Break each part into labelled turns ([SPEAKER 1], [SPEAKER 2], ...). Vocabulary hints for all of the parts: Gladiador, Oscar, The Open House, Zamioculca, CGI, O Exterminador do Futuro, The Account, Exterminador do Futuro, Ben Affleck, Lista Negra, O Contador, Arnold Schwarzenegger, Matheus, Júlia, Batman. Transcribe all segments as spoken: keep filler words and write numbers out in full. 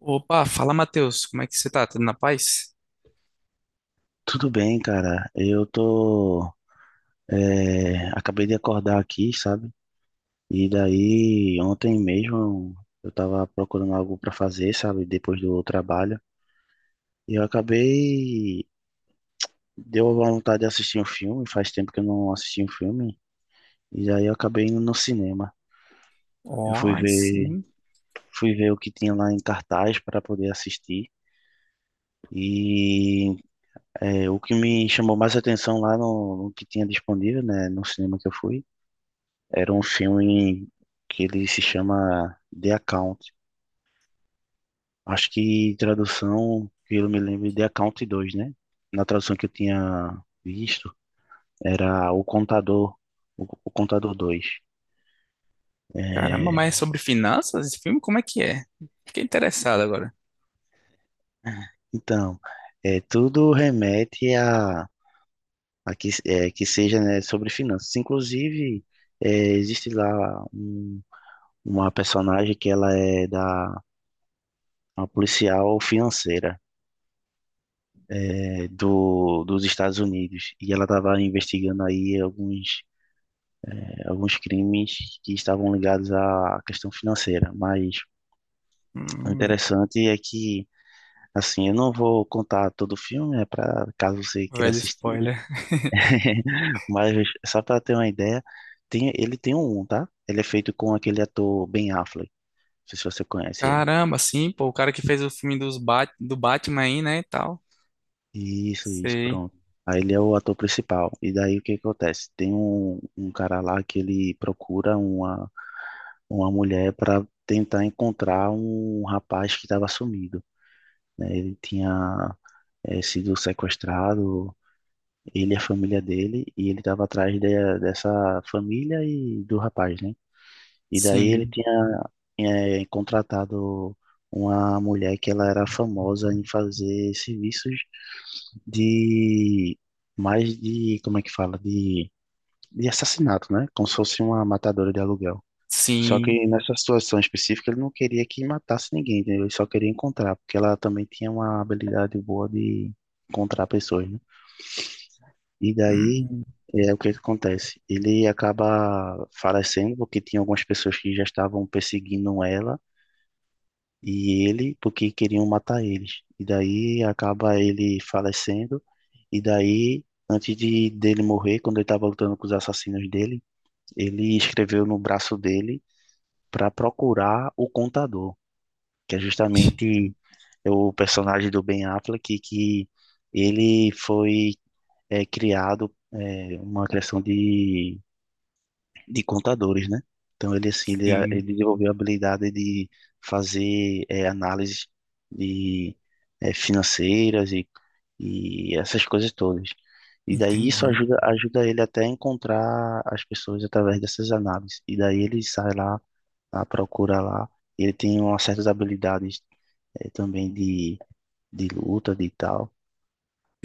[SPEAKER 1] Opa, fala Matheus, como é que você tá? Tudo na paz?
[SPEAKER 2] Tudo bem, cara. Eu tô. é, acabei de acordar aqui, sabe? E daí, ontem mesmo, eu tava procurando algo pra fazer, sabe? Depois do trabalho. E eu acabei. Deu a vontade de assistir um filme. Faz tempo que eu não assisti um filme. E daí, eu acabei indo no cinema. Eu
[SPEAKER 1] Ó,
[SPEAKER 2] fui
[SPEAKER 1] aí
[SPEAKER 2] ver,
[SPEAKER 1] sim.
[SPEAKER 2] fui ver o que tinha lá em cartaz para poder assistir. E é, o que me chamou mais atenção lá no, no que tinha disponível, né? No cinema que eu fui. Era um filme que ele se chama The Account. Acho que tradução, que eu me lembro, é The Account dois, né? Na tradução que eu tinha visto, era O Contador, O, o Contador dois.
[SPEAKER 1] Caramba,
[SPEAKER 2] É,
[SPEAKER 1] mas é sobre finanças esse filme? Como é que é? Fiquei interessado agora.
[SPEAKER 2] então, é, tudo remete a, a que, é, que seja, né, sobre finanças. Inclusive, é, existe lá um uma personagem que ela é da uma policial financeira é, do, dos Estados Unidos e ela estava investigando aí alguns, é, alguns crimes que estavam ligados à questão financeira. Mas o
[SPEAKER 1] Hum,
[SPEAKER 2] interessante é que, assim, eu não vou contar todo o filme, é para caso você queira
[SPEAKER 1] velho
[SPEAKER 2] assistir,
[SPEAKER 1] spoiler.
[SPEAKER 2] mas só para ter uma ideia, tem, ele tem um, tá? Ele é feito com aquele ator Ben Affleck, não sei se você conhece ele.
[SPEAKER 1] Caramba, sim, pô, o cara que fez o filme dos Bat do Batman aí, né, e tal.
[SPEAKER 2] Isso, isso,
[SPEAKER 1] Sei.
[SPEAKER 2] pronto. Aí ele é o ator principal. E daí o que acontece? Tem um, um cara lá que ele procura uma, uma mulher para tentar encontrar um rapaz que estava sumido, né? Ele tinha eh, sido sequestrado, ele e a família dele, e ele estava atrás de- dessa família e do rapaz, né? E daí ele
[SPEAKER 1] Sim,
[SPEAKER 2] tinha eh, contratado uma mulher que ela era famosa em fazer serviços de mais de, como é que fala? De, de assassinato, né? Como se fosse uma matadora de aluguel. Só
[SPEAKER 1] sim.
[SPEAKER 2] que nessa situação específica ele não queria que matasse ninguém, entendeu? Ele só queria encontrar, porque ela também tinha uma habilidade boa de encontrar pessoas, né? E daí
[SPEAKER 1] Hum,
[SPEAKER 2] é o que que acontece? Ele acaba falecendo porque tinha algumas pessoas que já estavam perseguindo ela e ele porque queriam matar eles. E daí acaba ele falecendo e daí antes de dele morrer, quando ele estava lutando com os assassinos dele, ele escreveu no braço dele para procurar o contador. Que é justamente o personagem do Ben Affleck, que ele foi é, criado é, uma criação de, de contadores, né? Então ele assim ele, ele
[SPEAKER 1] sim,
[SPEAKER 2] desenvolveu a habilidade de fazer é, análises de é, financeiras e, e essas coisas todas. E daí isso
[SPEAKER 1] entendi.
[SPEAKER 2] ajuda ajuda ele até a encontrar as pessoas através dessas análises. E daí ele sai lá, à procura lá. Ele tem umas certas habilidades é, também de, de luta, de tal.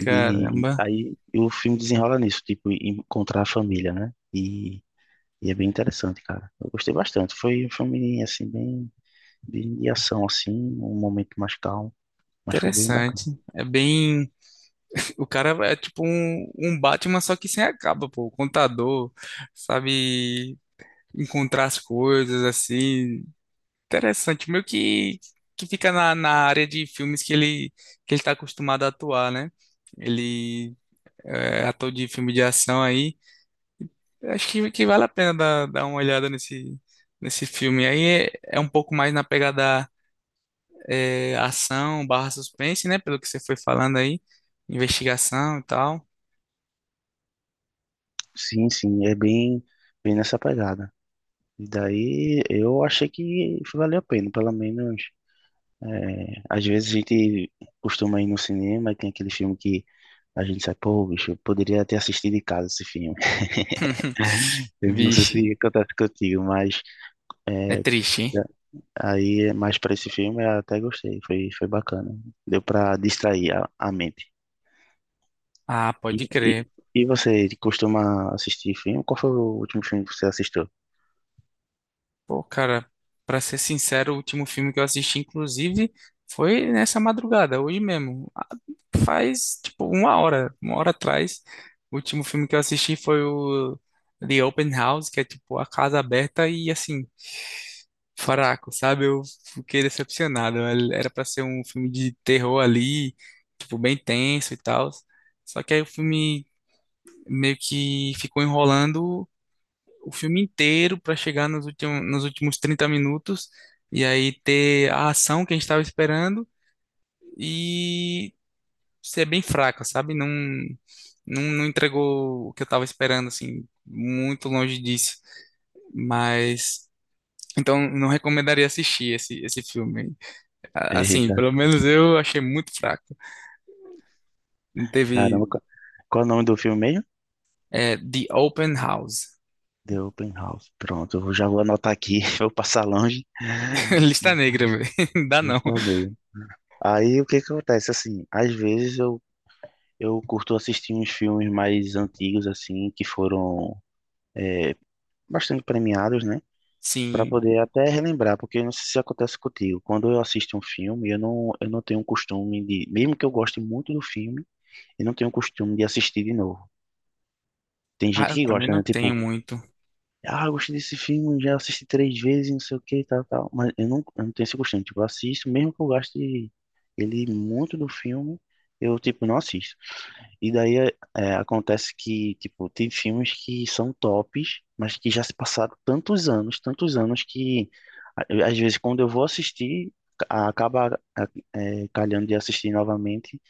[SPEAKER 2] E de- aí o filme desenrola nisso, tipo, encontrar a família, né? E, e é bem interessante, cara. Eu gostei bastante. Foi um filme, assim, bem, bem de ação, assim, um momento mais calmo, mas foi bem
[SPEAKER 1] Interessante.
[SPEAKER 2] bacana.
[SPEAKER 1] É bem. O cara é tipo um, um Batman, só que sem a capa, pô. Contador, sabe encontrar as coisas, assim. Interessante. Meio que, que fica na, na área de filmes que ele, que ele tá acostumado a atuar, né? Ele é ator de filme de ação aí. Eu acho que, que vale a pena dar, dar uma olhada nesse, nesse filme. Aí é, é um pouco mais na pegada é, ação barra suspense, né? Pelo que você foi falando aí, investigação e tal.
[SPEAKER 2] Sim, sim, é bem, bem nessa pegada. E daí eu achei que valeu a pena, pelo menos. é, às vezes a gente costuma ir no cinema e tem aquele filme que a gente sai, pô, bicho, eu poderia ter assistido em casa esse filme. Eu não sei
[SPEAKER 1] Vixe,
[SPEAKER 2] se acontece contigo, mas
[SPEAKER 1] é
[SPEAKER 2] é,
[SPEAKER 1] triste, hein?
[SPEAKER 2] da- aí mais para esse filme eu até gostei, foi, foi bacana. Deu para distrair a, a mente.
[SPEAKER 1] Ah,
[SPEAKER 2] E,
[SPEAKER 1] pode
[SPEAKER 2] e,
[SPEAKER 1] crer.
[SPEAKER 2] e você costuma assistir filme? Qual foi o último filme que você assistiu?
[SPEAKER 1] Pô, cara, pra ser sincero, o último filme que eu assisti, inclusive, foi nessa madrugada, hoje mesmo. Faz tipo uma hora, uma hora atrás. O último filme que eu assisti foi o The Open House, que é tipo a casa aberta e assim, fraco, sabe? Eu fiquei decepcionado. Era pra ser um filme de terror ali, tipo bem tenso e tal. Só que aí o filme meio que ficou enrolando o filme inteiro pra chegar nos últimos, nos últimos trinta minutos e aí ter a ação que a gente tava esperando. E ser bem fraca, sabe? Não, não, não entregou o que eu tava esperando, assim, muito longe disso. Mas, então, não recomendaria assistir esse, esse filme. A- Assim,
[SPEAKER 2] Eita,
[SPEAKER 1] pelo menos eu achei muito fraco. Teve
[SPEAKER 2] caramba, qual, qual é o nome do filme mesmo?
[SPEAKER 1] é, The Open House.
[SPEAKER 2] The Open House. Pronto, eu já vou anotar aqui, vou passar longe.
[SPEAKER 1] Lista negra, velho. Dá não.
[SPEAKER 2] Está bem. Aí o que que acontece? Assim, às vezes eu, eu curto assistir uns filmes mais antigos, assim, que foram, é, bastante premiados, né? Para
[SPEAKER 1] Sim.
[SPEAKER 2] poder até relembrar, porque eu não sei se acontece contigo. Quando eu assisto um filme, eu não, eu não tenho um costume de, mesmo que eu goste muito do filme, eu não tenho um costume de assistir de novo. Tem
[SPEAKER 1] Ah,
[SPEAKER 2] gente
[SPEAKER 1] eu
[SPEAKER 2] que
[SPEAKER 1] também
[SPEAKER 2] gosta,
[SPEAKER 1] não
[SPEAKER 2] né?
[SPEAKER 1] tenho
[SPEAKER 2] Tipo,
[SPEAKER 1] muito.
[SPEAKER 2] ah, eu gostei desse filme, já assisti três vezes, não sei o que, tal, tal. Mas eu não, eu não tenho esse costume. Tipo, eu assisto, mesmo que eu goste ele muito do filme, eu, tipo, não assisto. E daí é, é, acontece que, tipo, tem filmes que são tops, mas que já se passaram tantos anos, tantos anos que a- às vezes quando eu vou assistir, ca- acaba a- é, calhando de assistir novamente,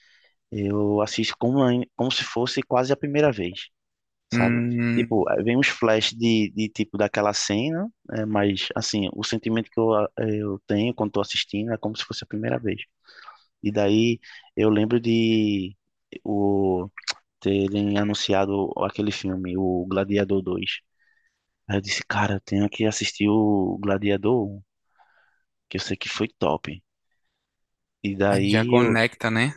[SPEAKER 2] eu assisto como, ai- como se fosse quase a primeira vez, sabe?
[SPEAKER 1] Hum,
[SPEAKER 2] Tipo, é, vem uns flash de, de tipo daquela cena, é, mas assim, o sentimento que eu, a- eu tenho quando tô assistindo é como se fosse a primeira vez. E daí eu lembro de o terem anunciado aquele filme, o Gladiador dois. Aí eu disse, cara, eu tenho que assistir o Gladiador um, que eu sei que foi top. E
[SPEAKER 1] ah, já
[SPEAKER 2] daí eu,
[SPEAKER 1] conecta, né?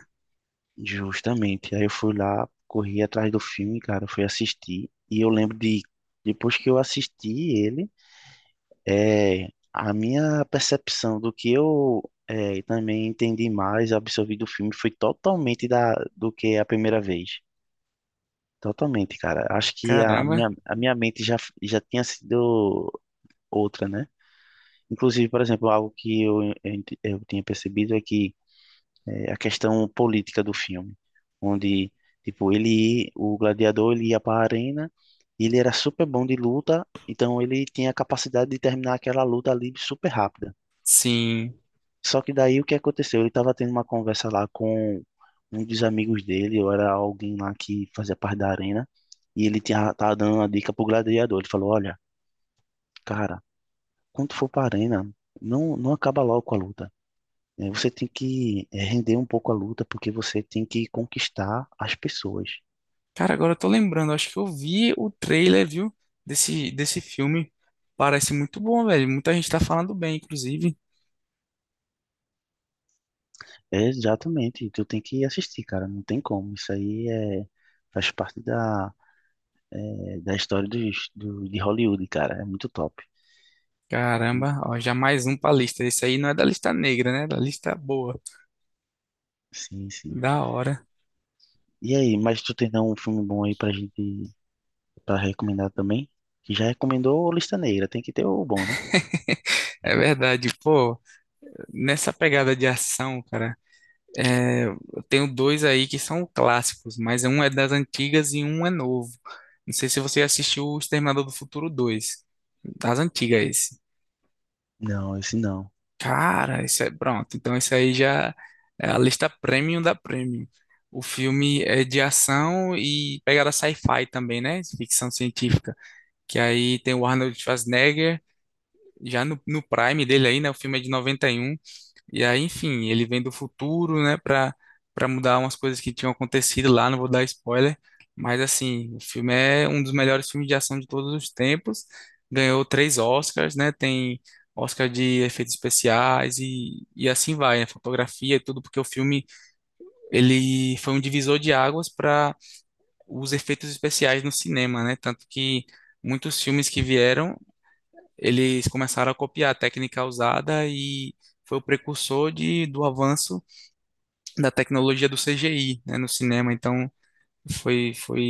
[SPEAKER 2] justamente, aí eu fui lá, corri atrás do filme, cara, fui assistir. E eu lembro de, depois que eu assisti ele, é, a minha percepção do que eu é, também entendi mais, absorvi do filme, foi totalmente da, do que a primeira vez. Totalmente, cara. Acho que a
[SPEAKER 1] Caramba.
[SPEAKER 2] minha, a minha mente já, já tinha sido outra, né? Inclusive, por exemplo, algo que eu, eu, ent- eu tinha percebido é que é, a questão política do filme, onde, tipo, ele, o gladiador, ele ia para a arena, e ele era super bom de luta, então ele tinha a capacidade de terminar aquela luta ali super rápida.
[SPEAKER 1] Sim.
[SPEAKER 2] Só que daí o que aconteceu? Ele estava tendo uma conversa lá com um dos amigos dele, ou era alguém lá que fazia parte da arena, e ele tinha, tava dando uma dica pro gladiador. Ele falou, olha, cara, quando tu for pra arena, não, não acaba logo com a luta, né? Você tem que eh, render um pouco a luta, porque você tem que conquistar as pessoas.
[SPEAKER 1] Cara, agora eu tô lembrando, acho que eu vi o trailer, viu, desse, desse filme. Parece muito bom, velho. Muita gente tá falando bem, inclusive.
[SPEAKER 2] É, exatamente, tu tem que assistir, cara, não tem como. Isso aí é, faz parte da, eh, da história dos, do, de Hollywood, cara, é muito top.
[SPEAKER 1] Caramba, ó, já mais um pra lista. Esse aí não é da lista negra, né? É da lista boa.
[SPEAKER 2] Sim, sim.
[SPEAKER 1] Da hora.
[SPEAKER 2] E aí, mas tu tem um filme bom aí pra gente, pra recomendar também? Que já recomendou o Lista Negra, tem que ter o bom, né?
[SPEAKER 1] É verdade, pô. Nessa pegada de ação, cara, é, eu tenho dois aí que são clássicos, mas um é das antigas e um é novo. Não sei se você assistiu O Exterminador do Futuro dois. Das antigas.
[SPEAKER 2] Não, esse não.
[SPEAKER 1] Cara, isso é pronto. Então, isso aí já é a lista premium da premium. O filme é de ação e pegada sci-fi também, né? Ficção científica. Que aí tem o Arnold Schwarzenegger, já no, no prime dele aí, né? O filme é de noventa e um e aí, enfim, ele vem do futuro, né, pra, pra mudar umas coisas que tinham acontecido lá, não vou dar spoiler, mas assim, o filme é um dos melhores filmes de ação de todos os tempos, ganhou três Oscars, né, tem Oscar de efeitos especiais e, e assim vai, né, fotografia e tudo, porque o filme, ele foi um divisor de águas para os efeitos especiais no cinema, né, tanto que muitos filmes que vieram, eles começaram a copiar a técnica usada e foi o precursor de, do avanço da tecnologia do C G I, né, no cinema. Então foi foi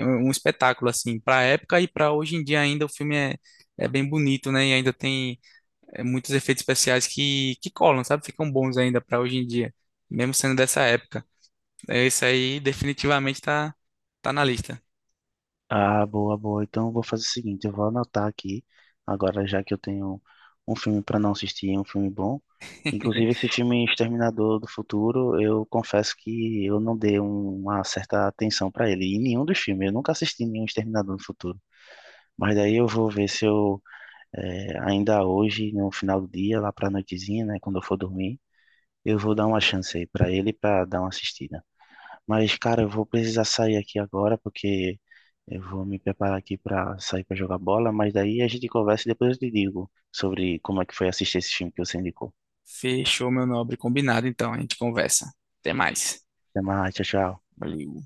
[SPEAKER 1] um um espetáculo assim para a época e para hoje em dia ainda o filme é é bem bonito, né? E ainda tem é, muitos efeitos especiais que que colam, sabe? Ficam bons ainda para hoje em dia, mesmo sendo dessa época. É, isso aí definitivamente tá tá na lista.
[SPEAKER 2] Ah, boa, boa. Então eu vou fazer o seguinte, eu vou anotar aqui, agora já que eu tenho um filme para não assistir, um filme bom. Inclusive esse filme Exterminador do Futuro, eu confesso que eu não dei uma certa atenção para ele, em nenhum dos filmes. Eu nunca assisti nenhum Exterminador do Futuro. Mas daí eu vou ver se eu, eh, ainda hoje, no final do dia, lá para a noitezinha, né, quando eu for dormir, eu vou dar uma chance aí para ele para dar uma assistida. Mas, cara, eu vou precisar sair aqui agora porque eu vou me preparar aqui para sair para jogar bola. Mas daí a gente conversa e depois eu te digo sobre como é que foi assistir esse filme que você indicou.
[SPEAKER 1] Fechou, meu nobre, combinado então, a gente conversa. Até mais.
[SPEAKER 2] Até mais, tchau, tchau.
[SPEAKER 1] Valeu.